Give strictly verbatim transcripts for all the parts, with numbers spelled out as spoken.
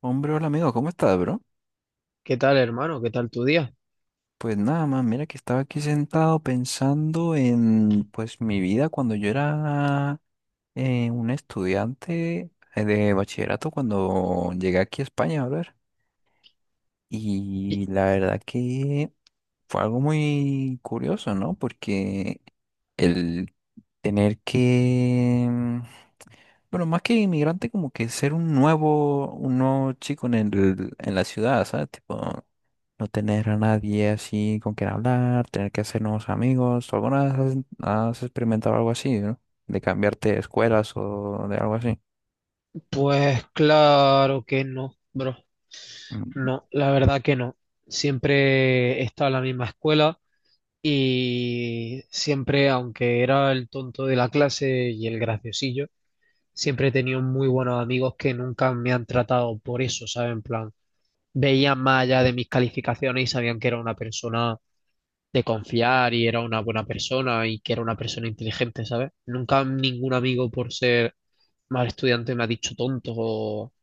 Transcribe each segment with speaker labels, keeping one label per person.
Speaker 1: Hombre, hola amigo, ¿cómo estás, bro?
Speaker 2: ¿Qué tal, hermano? ¿Qué tal tu día?
Speaker 1: Pues nada más, mira que estaba aquí sentado pensando en pues mi vida cuando yo era eh, un estudiante eh, de bachillerato cuando llegué aquí a España, a ver.
Speaker 2: Y,
Speaker 1: Y la verdad que fue algo muy curioso, ¿no? Porque el tener que, mm, bueno, más que inmigrante, como que ser un nuevo, un nuevo chico en el, en la ciudad, ¿sabes? Tipo, no tener a nadie así con quien hablar, tener que hacer nuevos amigos. ¿Tú alguna vez has, has experimentado algo así, no? De cambiarte de escuelas o de algo así.
Speaker 2: pues claro que no, bro.
Speaker 1: Mm.
Speaker 2: No, la verdad que no. Siempre he estado en la misma escuela y siempre, aunque era el tonto de la clase y el graciosillo, siempre he tenido muy buenos amigos que nunca me han tratado por eso, ¿saben? En plan, veían más allá de mis calificaciones y sabían que era una persona de confiar y era una buena persona y que era una persona inteligente, ¿sabes? Nunca ningún amigo por ser mal estudiante me ha dicho tonto o,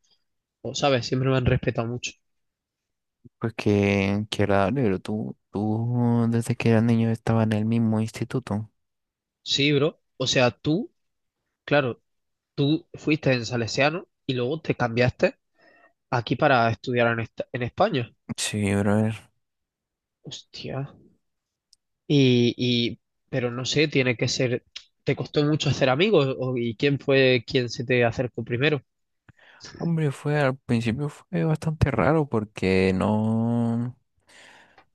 Speaker 2: o, ¿sabes? Siempre me han respetado mucho.
Speaker 1: Pues que qué qué agradable, pero tú, tú desde que eras niño estaba en el mismo instituto.
Speaker 2: Sí, bro. O sea, tú, claro, tú fuiste en Salesiano y luego te cambiaste aquí para estudiar en, esta- en España.
Speaker 1: Sí, brother.
Speaker 2: Hostia. Y, y- pero no sé, tiene que ser, ¿te costó mucho hacer amigos? ¿O- ¿Y quién fue quien se te acercó primero?
Speaker 1: Hombre, fue al principio fue bastante raro porque no,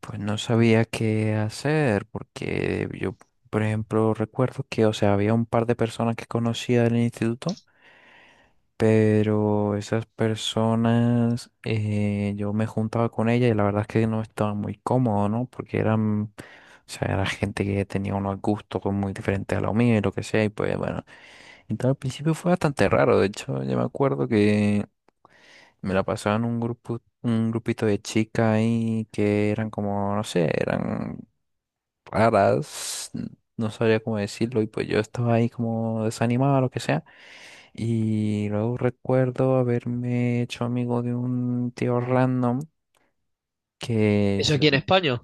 Speaker 1: pues no sabía qué hacer, porque yo, por ejemplo, recuerdo que, o sea, había un par de personas que conocía del instituto, pero esas personas, eh, yo me juntaba con ellas y la verdad es que no estaba muy cómodo, ¿no? Porque eran, o sea, era gente que tenía unos gustos pues, muy diferentes a los míos y lo que sea, y pues bueno, entonces al principio fue bastante raro, de hecho, yo me acuerdo que me la pasaba en un grupo, un grupito de chicas ahí que eran como, no sé, eran raras, n- no sabría cómo decirlo, y pues yo estaba ahí como desanimado, lo que sea. Y luego recuerdo haberme hecho amigo de un tío random que,
Speaker 2: Eso
Speaker 1: es-
Speaker 2: aquí en España,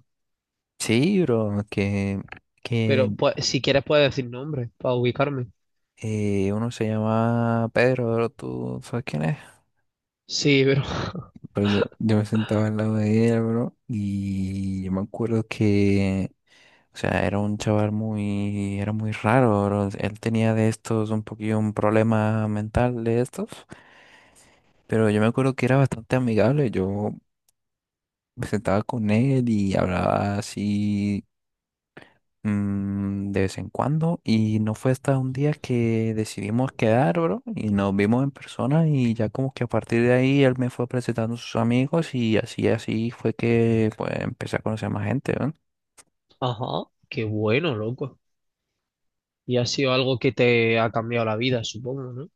Speaker 1: sí, bro, que, que
Speaker 2: pero pues, si quieres puedes decir nombre para ubicarme.
Speaker 1: eh, uno se llama Pedro, bro, ¿tú sabes quién es?
Speaker 2: Sí, pero...
Speaker 1: Pero yo, yo me sentaba al lado de él, bro, y yo me acuerdo que, o sea, era un chaval muy, era muy raro, bro. Él tenía de estos un poquillo un problema mental de estos, pero yo me acuerdo que era bastante amigable. Yo me sentaba con él y hablaba así, mm, de vez en cuando. Y no fue hasta un día que decidimos quedar, bro, y nos vimos en persona y ya como que a partir de ahí él me fue presentando a sus amigos y así, así fue que pues empecé a conocer más gente, ¿no?
Speaker 2: Ajá, qué bueno, loco. Y ha sido algo que te ha cambiado la vida, supongo, ¿no?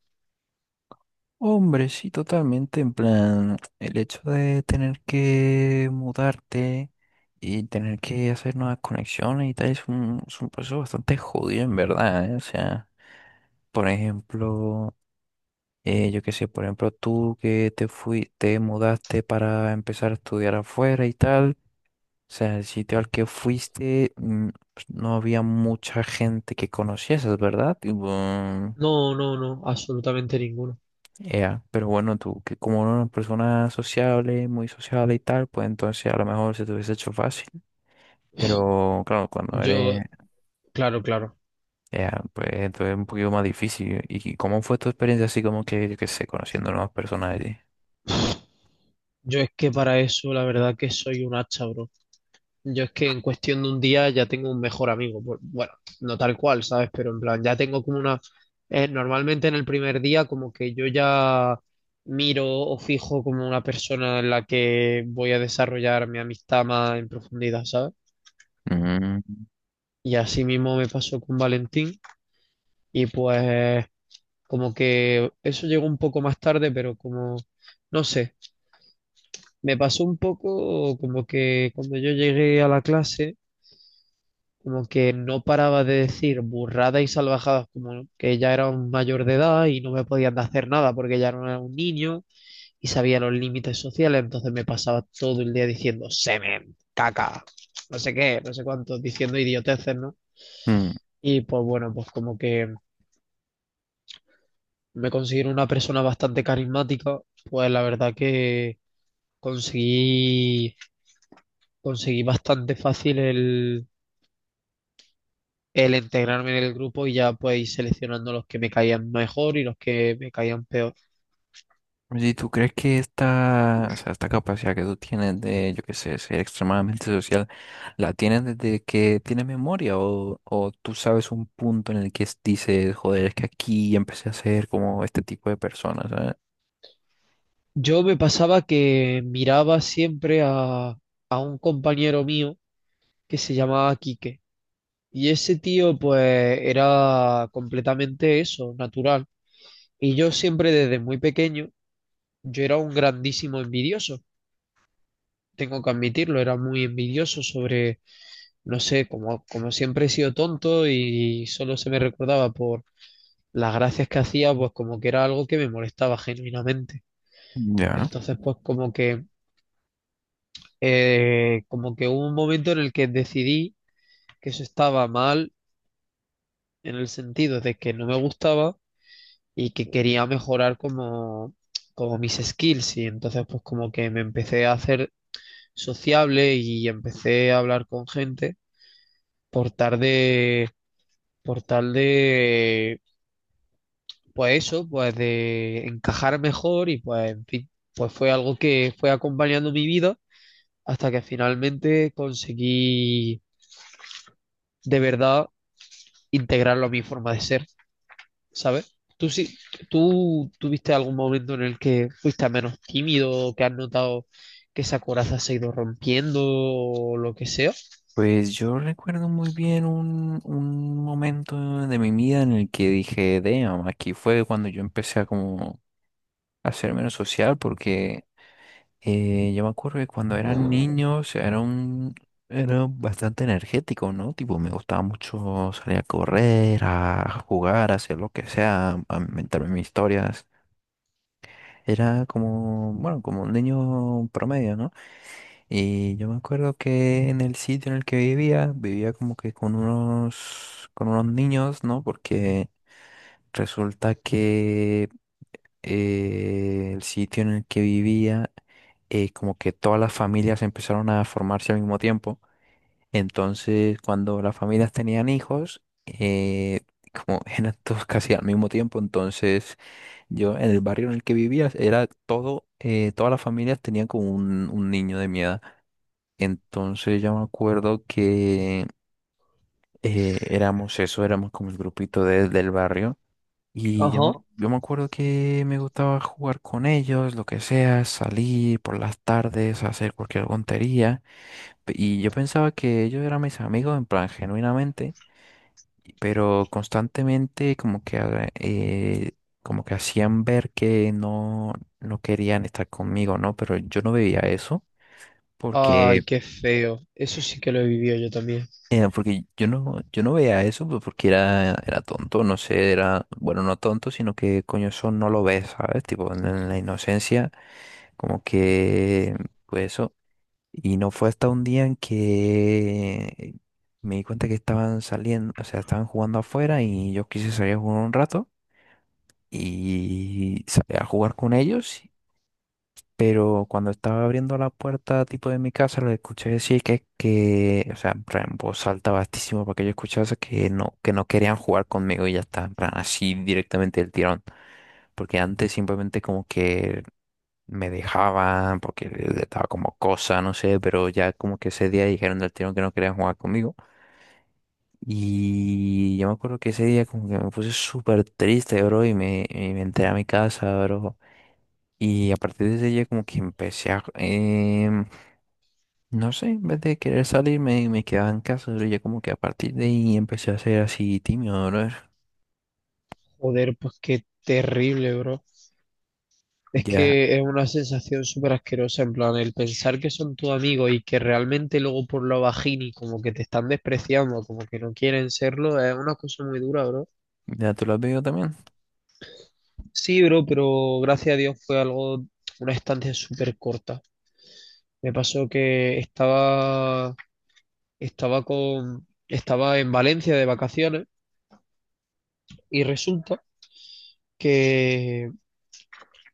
Speaker 1: Hombre, sí, totalmente. En plan, el hecho de tener que mudarte y tener que hacer nuevas conexiones y tal es un, es un proceso bastante jodido, en verdad, ¿eh? O sea, por ejemplo, eh, yo qué sé, por ejemplo, tú que te fui, te mudaste para empezar a estudiar afuera y tal. O sea, el sitio al que fuiste, mm, pues, no había mucha gente que conocieses, ¿verdad? Tipo,
Speaker 2: No, no, no, absolutamente ninguno.
Speaker 1: ea, pero bueno, tú, que como una persona sociable, muy sociable y tal, pues entonces a lo mejor se te hubiese hecho fácil. Pero claro, cuando
Speaker 2: Yo,
Speaker 1: eres,
Speaker 2: claro, claro.
Speaker 1: ea, pues entonces es un poquito más difícil. ¿Y cómo fue tu experiencia así como que, yo qué sé, conociendo nuevas personas allí?
Speaker 2: Yo es que para eso, la verdad que soy un hacha, bro. Yo es que en cuestión de un día ya tengo un mejor amigo. Bu- Bueno, no tal cual, ¿sabes? Pero en plan, ya tengo como una... eh, normalmente en el primer día como que yo ya miro o fijo como una persona en la que voy a desarrollar mi amistad más en profundidad, ¿sabes?
Speaker 1: Mm,
Speaker 2: Y así mismo me pasó con Valentín y pues como que eso llegó un poco más tarde, pero como, no sé. Me pasó un poco como que cuando yo llegué a la clase, como que no paraba de decir burradas y salvajadas, como ¿no? que ya era un mayor de edad y no me podían hacer nada porque ya no era un niño y sabía los límites sociales, entonces me pasaba todo el día diciendo semen, caca, no sé qué, no sé cuánto, diciendo idioteces, ¿no?
Speaker 1: mm.
Speaker 2: Y pues bueno, pues como que me considero una persona bastante carismática, pues la verdad que conseguí, conseguí bastante fácil el el integrarme en el grupo y ya pues ir seleccionando los que me caían mejor y los que me caían peor.
Speaker 1: Si tú crees que esta, o sea, esta capacidad que tú tienes de, yo qué sé, ser extremadamente social, ¿la tienes desde que tienes memoria? ¿O, o tú sabes un punto en el que es- dices, joder, es que aquí empecé a ser como este tipo de personas, ¿sabes?
Speaker 2: Yo me pasaba que miraba siempre a, a un compañero mío que se llamaba Quique y ese tío pues era completamente eso, natural. Y yo siempre desde muy pequeño, yo era un grandísimo envidioso. Tengo que admitirlo, era muy envidioso sobre, no sé, como, como siempre he sido tonto y solo se me recordaba por las gracias que hacía, pues como que era algo que me molestaba genuinamente.
Speaker 1: Ya.
Speaker 2: Entonces, pues como que, eh, como que hubo un momento en el que decidí que eso estaba mal en el sentido de que no me gustaba y que quería mejorar como, como mis skills. Y entonces, pues como que me empecé a hacer sociable y empecé a hablar con gente por tal de, por tal de pues eso, pues de encajar mejor y pues en fin, pues fue algo que fue acompañando mi vida hasta que finalmente conseguí de verdad integrarlo a mi forma de ser, ¿sabes? ¿Tú sí, ¿tú tuviste algún momento en el que fuiste menos tímido, que has notado que esa coraza se ha ido rompiendo o lo que sea?
Speaker 1: Pues yo recuerdo muy bien un, un momento de mi vida en el que dije, damn, aquí fue cuando yo empecé a como a ser menos social porque Eh, yo me acuerdo que cuando eran niños era un, era bastante energético, ¿no? Tipo, me gustaba mucho salir a correr, a jugar, a hacer lo que sea, a inventarme mis historias. Era como, bueno, como un niño promedio, ¿no? Y yo me acuerdo que en el sitio en el que vivía, vivía como que con unos, con unos niños, ¿no? Porque resulta que eh, el sitio en el que vivía, eh, como que todas las familias empezaron a formarse al mismo tiempo. Entonces, cuando las familias tenían hijos, eh, como eran todos casi al mismo tiempo, entonces yo en el barrio en el que vivía era todo, eh, todas las familias tenían como un, un niño de mi edad. Entonces yo me acuerdo que eh, éramos eso, éramos como el grupito de- del barrio. Y yo
Speaker 2: Ajá.
Speaker 1: me, yo me acuerdo que me gustaba jugar con ellos, lo que sea, salir por las tardes, hacer cualquier tontería. Pe- Y yo pensaba que ellos eran mis amigos, en plan, genuinamente, y- pero constantemente como que, ha- eh, como que hacían ver que no, no querían estar conmigo, ¿no? Pero yo no veía eso
Speaker 2: Ay,
Speaker 1: porque...
Speaker 2: qué feo. Eso sí que lo he vivido yo también.
Speaker 1: eh, porque yo no, yo no veía eso pues, porque era, era tonto, no sé, era, bueno, no tonto, sino que coño, eso no lo ves, ¿sabes? Tipo, en en la inocencia, como que, pues eso. Y no fue hasta un día en que me di cuenta que estaban saliendo, o sea, estaban jugando afuera y yo quise salir a jugar un rato y salí a jugar con ellos. Pero cuando estaba abriendo la puerta tipo de mi casa, lo escuché decir que, que, o sea, en plan, en voz alta bastísimo para que yo escuchase que no, que no querían jugar conmigo y ya está, en plan, así directamente el tirón. Porque antes simplemente como que me dejaban porque estaba como cosa, no sé, pero ya como que ese día dijeron del tirón que no querían jugar conmigo. Y yo me acuerdo que ese día como que me puse súper triste, bro, y me, y me entré a mi casa, bro. Y a partir de ese día como que empecé a, em, no sé, en vez de querer salir me, me quedaba en casa, bro. Ya como que a partir de ahí empecé a ser así tímido, bro.
Speaker 2: Joder, pues qué terrible, bro. Es
Speaker 1: Ya,
Speaker 2: que es una sensación súper asquerosa, en plan, el pensar que son tu amigo y que realmente luego por lo bajini como que te están despreciando, como que no quieren serlo, es una cosa muy dura, bro.
Speaker 1: ya tú lo has vivido también.
Speaker 2: Sí, bro, pero gracias a Dios fue algo, una estancia súper corta. Me pasó que estaba, estaba con, estaba en Valencia de vacaciones y resulta que,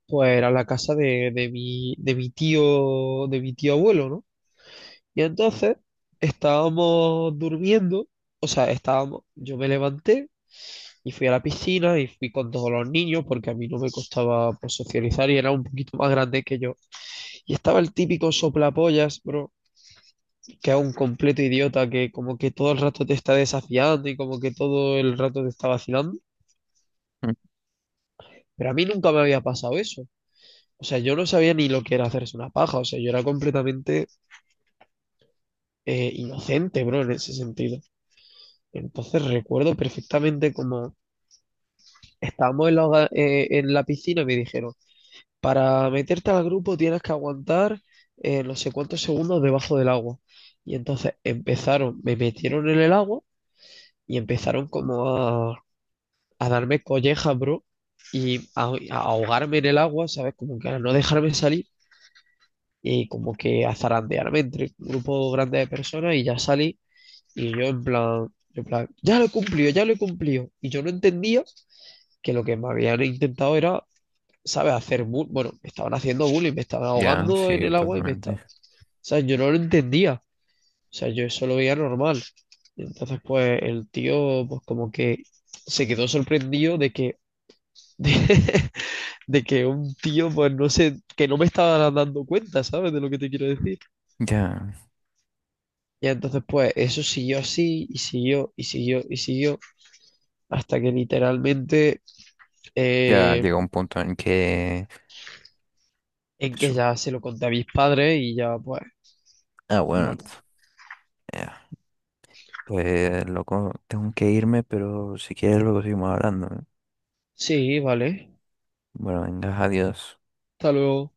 Speaker 2: pues, era la casa de, de mi, de mi tío, de mi tío abuelo, ¿no? Y entonces estábamos durmiendo, o sea, estábamos, yo me levanté y fui a la piscina y fui con todos los niños porque a mí no me costaba pues, socializar y era un poquito más grande que yo. Y estaba el típico soplapollas, bro, que es un completo idiota que como que todo el rato te está desafiando y como que todo el rato te está vacilando.
Speaker 1: Mm.
Speaker 2: Pero a mí nunca me había pasado eso. O sea, yo no sabía ni lo que era hacerse una paja, o sea, yo era completamente eh, inocente, bro, en ese sentido. Entonces recuerdo perfectamente como estábamos en la, eh, en la piscina y me dijeron, para meterte al grupo tienes que aguantar eh, no sé cuántos segundos debajo del agua. Y entonces empezaron, me metieron en el agua y empezaron como a, a darme collejas, bro, y a, a ahogarme en el agua, ¿sabes? Como que a no dejarme salir y como que a zarandearme entre un grupo grande de personas y ya salí y yo en plan, yo en plan, ya lo he cumplido, ya lo he cumplido. Y yo no entendía que lo que me habían intentado era ¿sabes? Hacer bull, bueno, me estaban haciendo bullying, me estaban
Speaker 1: Ya,
Speaker 2: ahogando en
Speaker 1: sí,
Speaker 2: el agua y me
Speaker 1: totalmente.
Speaker 2: estaban, o sea, yo no lo entendía, o sea, yo eso lo veía normal. Y entonces, pues el tío, pues como que se quedó sorprendido de que, de, de que un tío, pues no sé, que no me estaba dando cuenta, ¿sabes? De lo que te quiero decir.
Speaker 1: Ya,
Speaker 2: Y entonces, pues eso siguió así y siguió y siguió y siguió hasta que literalmente,
Speaker 1: ya
Speaker 2: eh,
Speaker 1: llegó un punto en que
Speaker 2: en que
Speaker 1: su-
Speaker 2: ya se lo conté a mis padres y ya, pues,
Speaker 1: ah, bueno, ent-
Speaker 2: bueno,
Speaker 1: eh, pues loco, tengo que irme, pero si quieres luego seguimos hablando, ¿eh?
Speaker 2: sí, vale,
Speaker 1: Bueno, venga, adiós.
Speaker 2: hasta luego.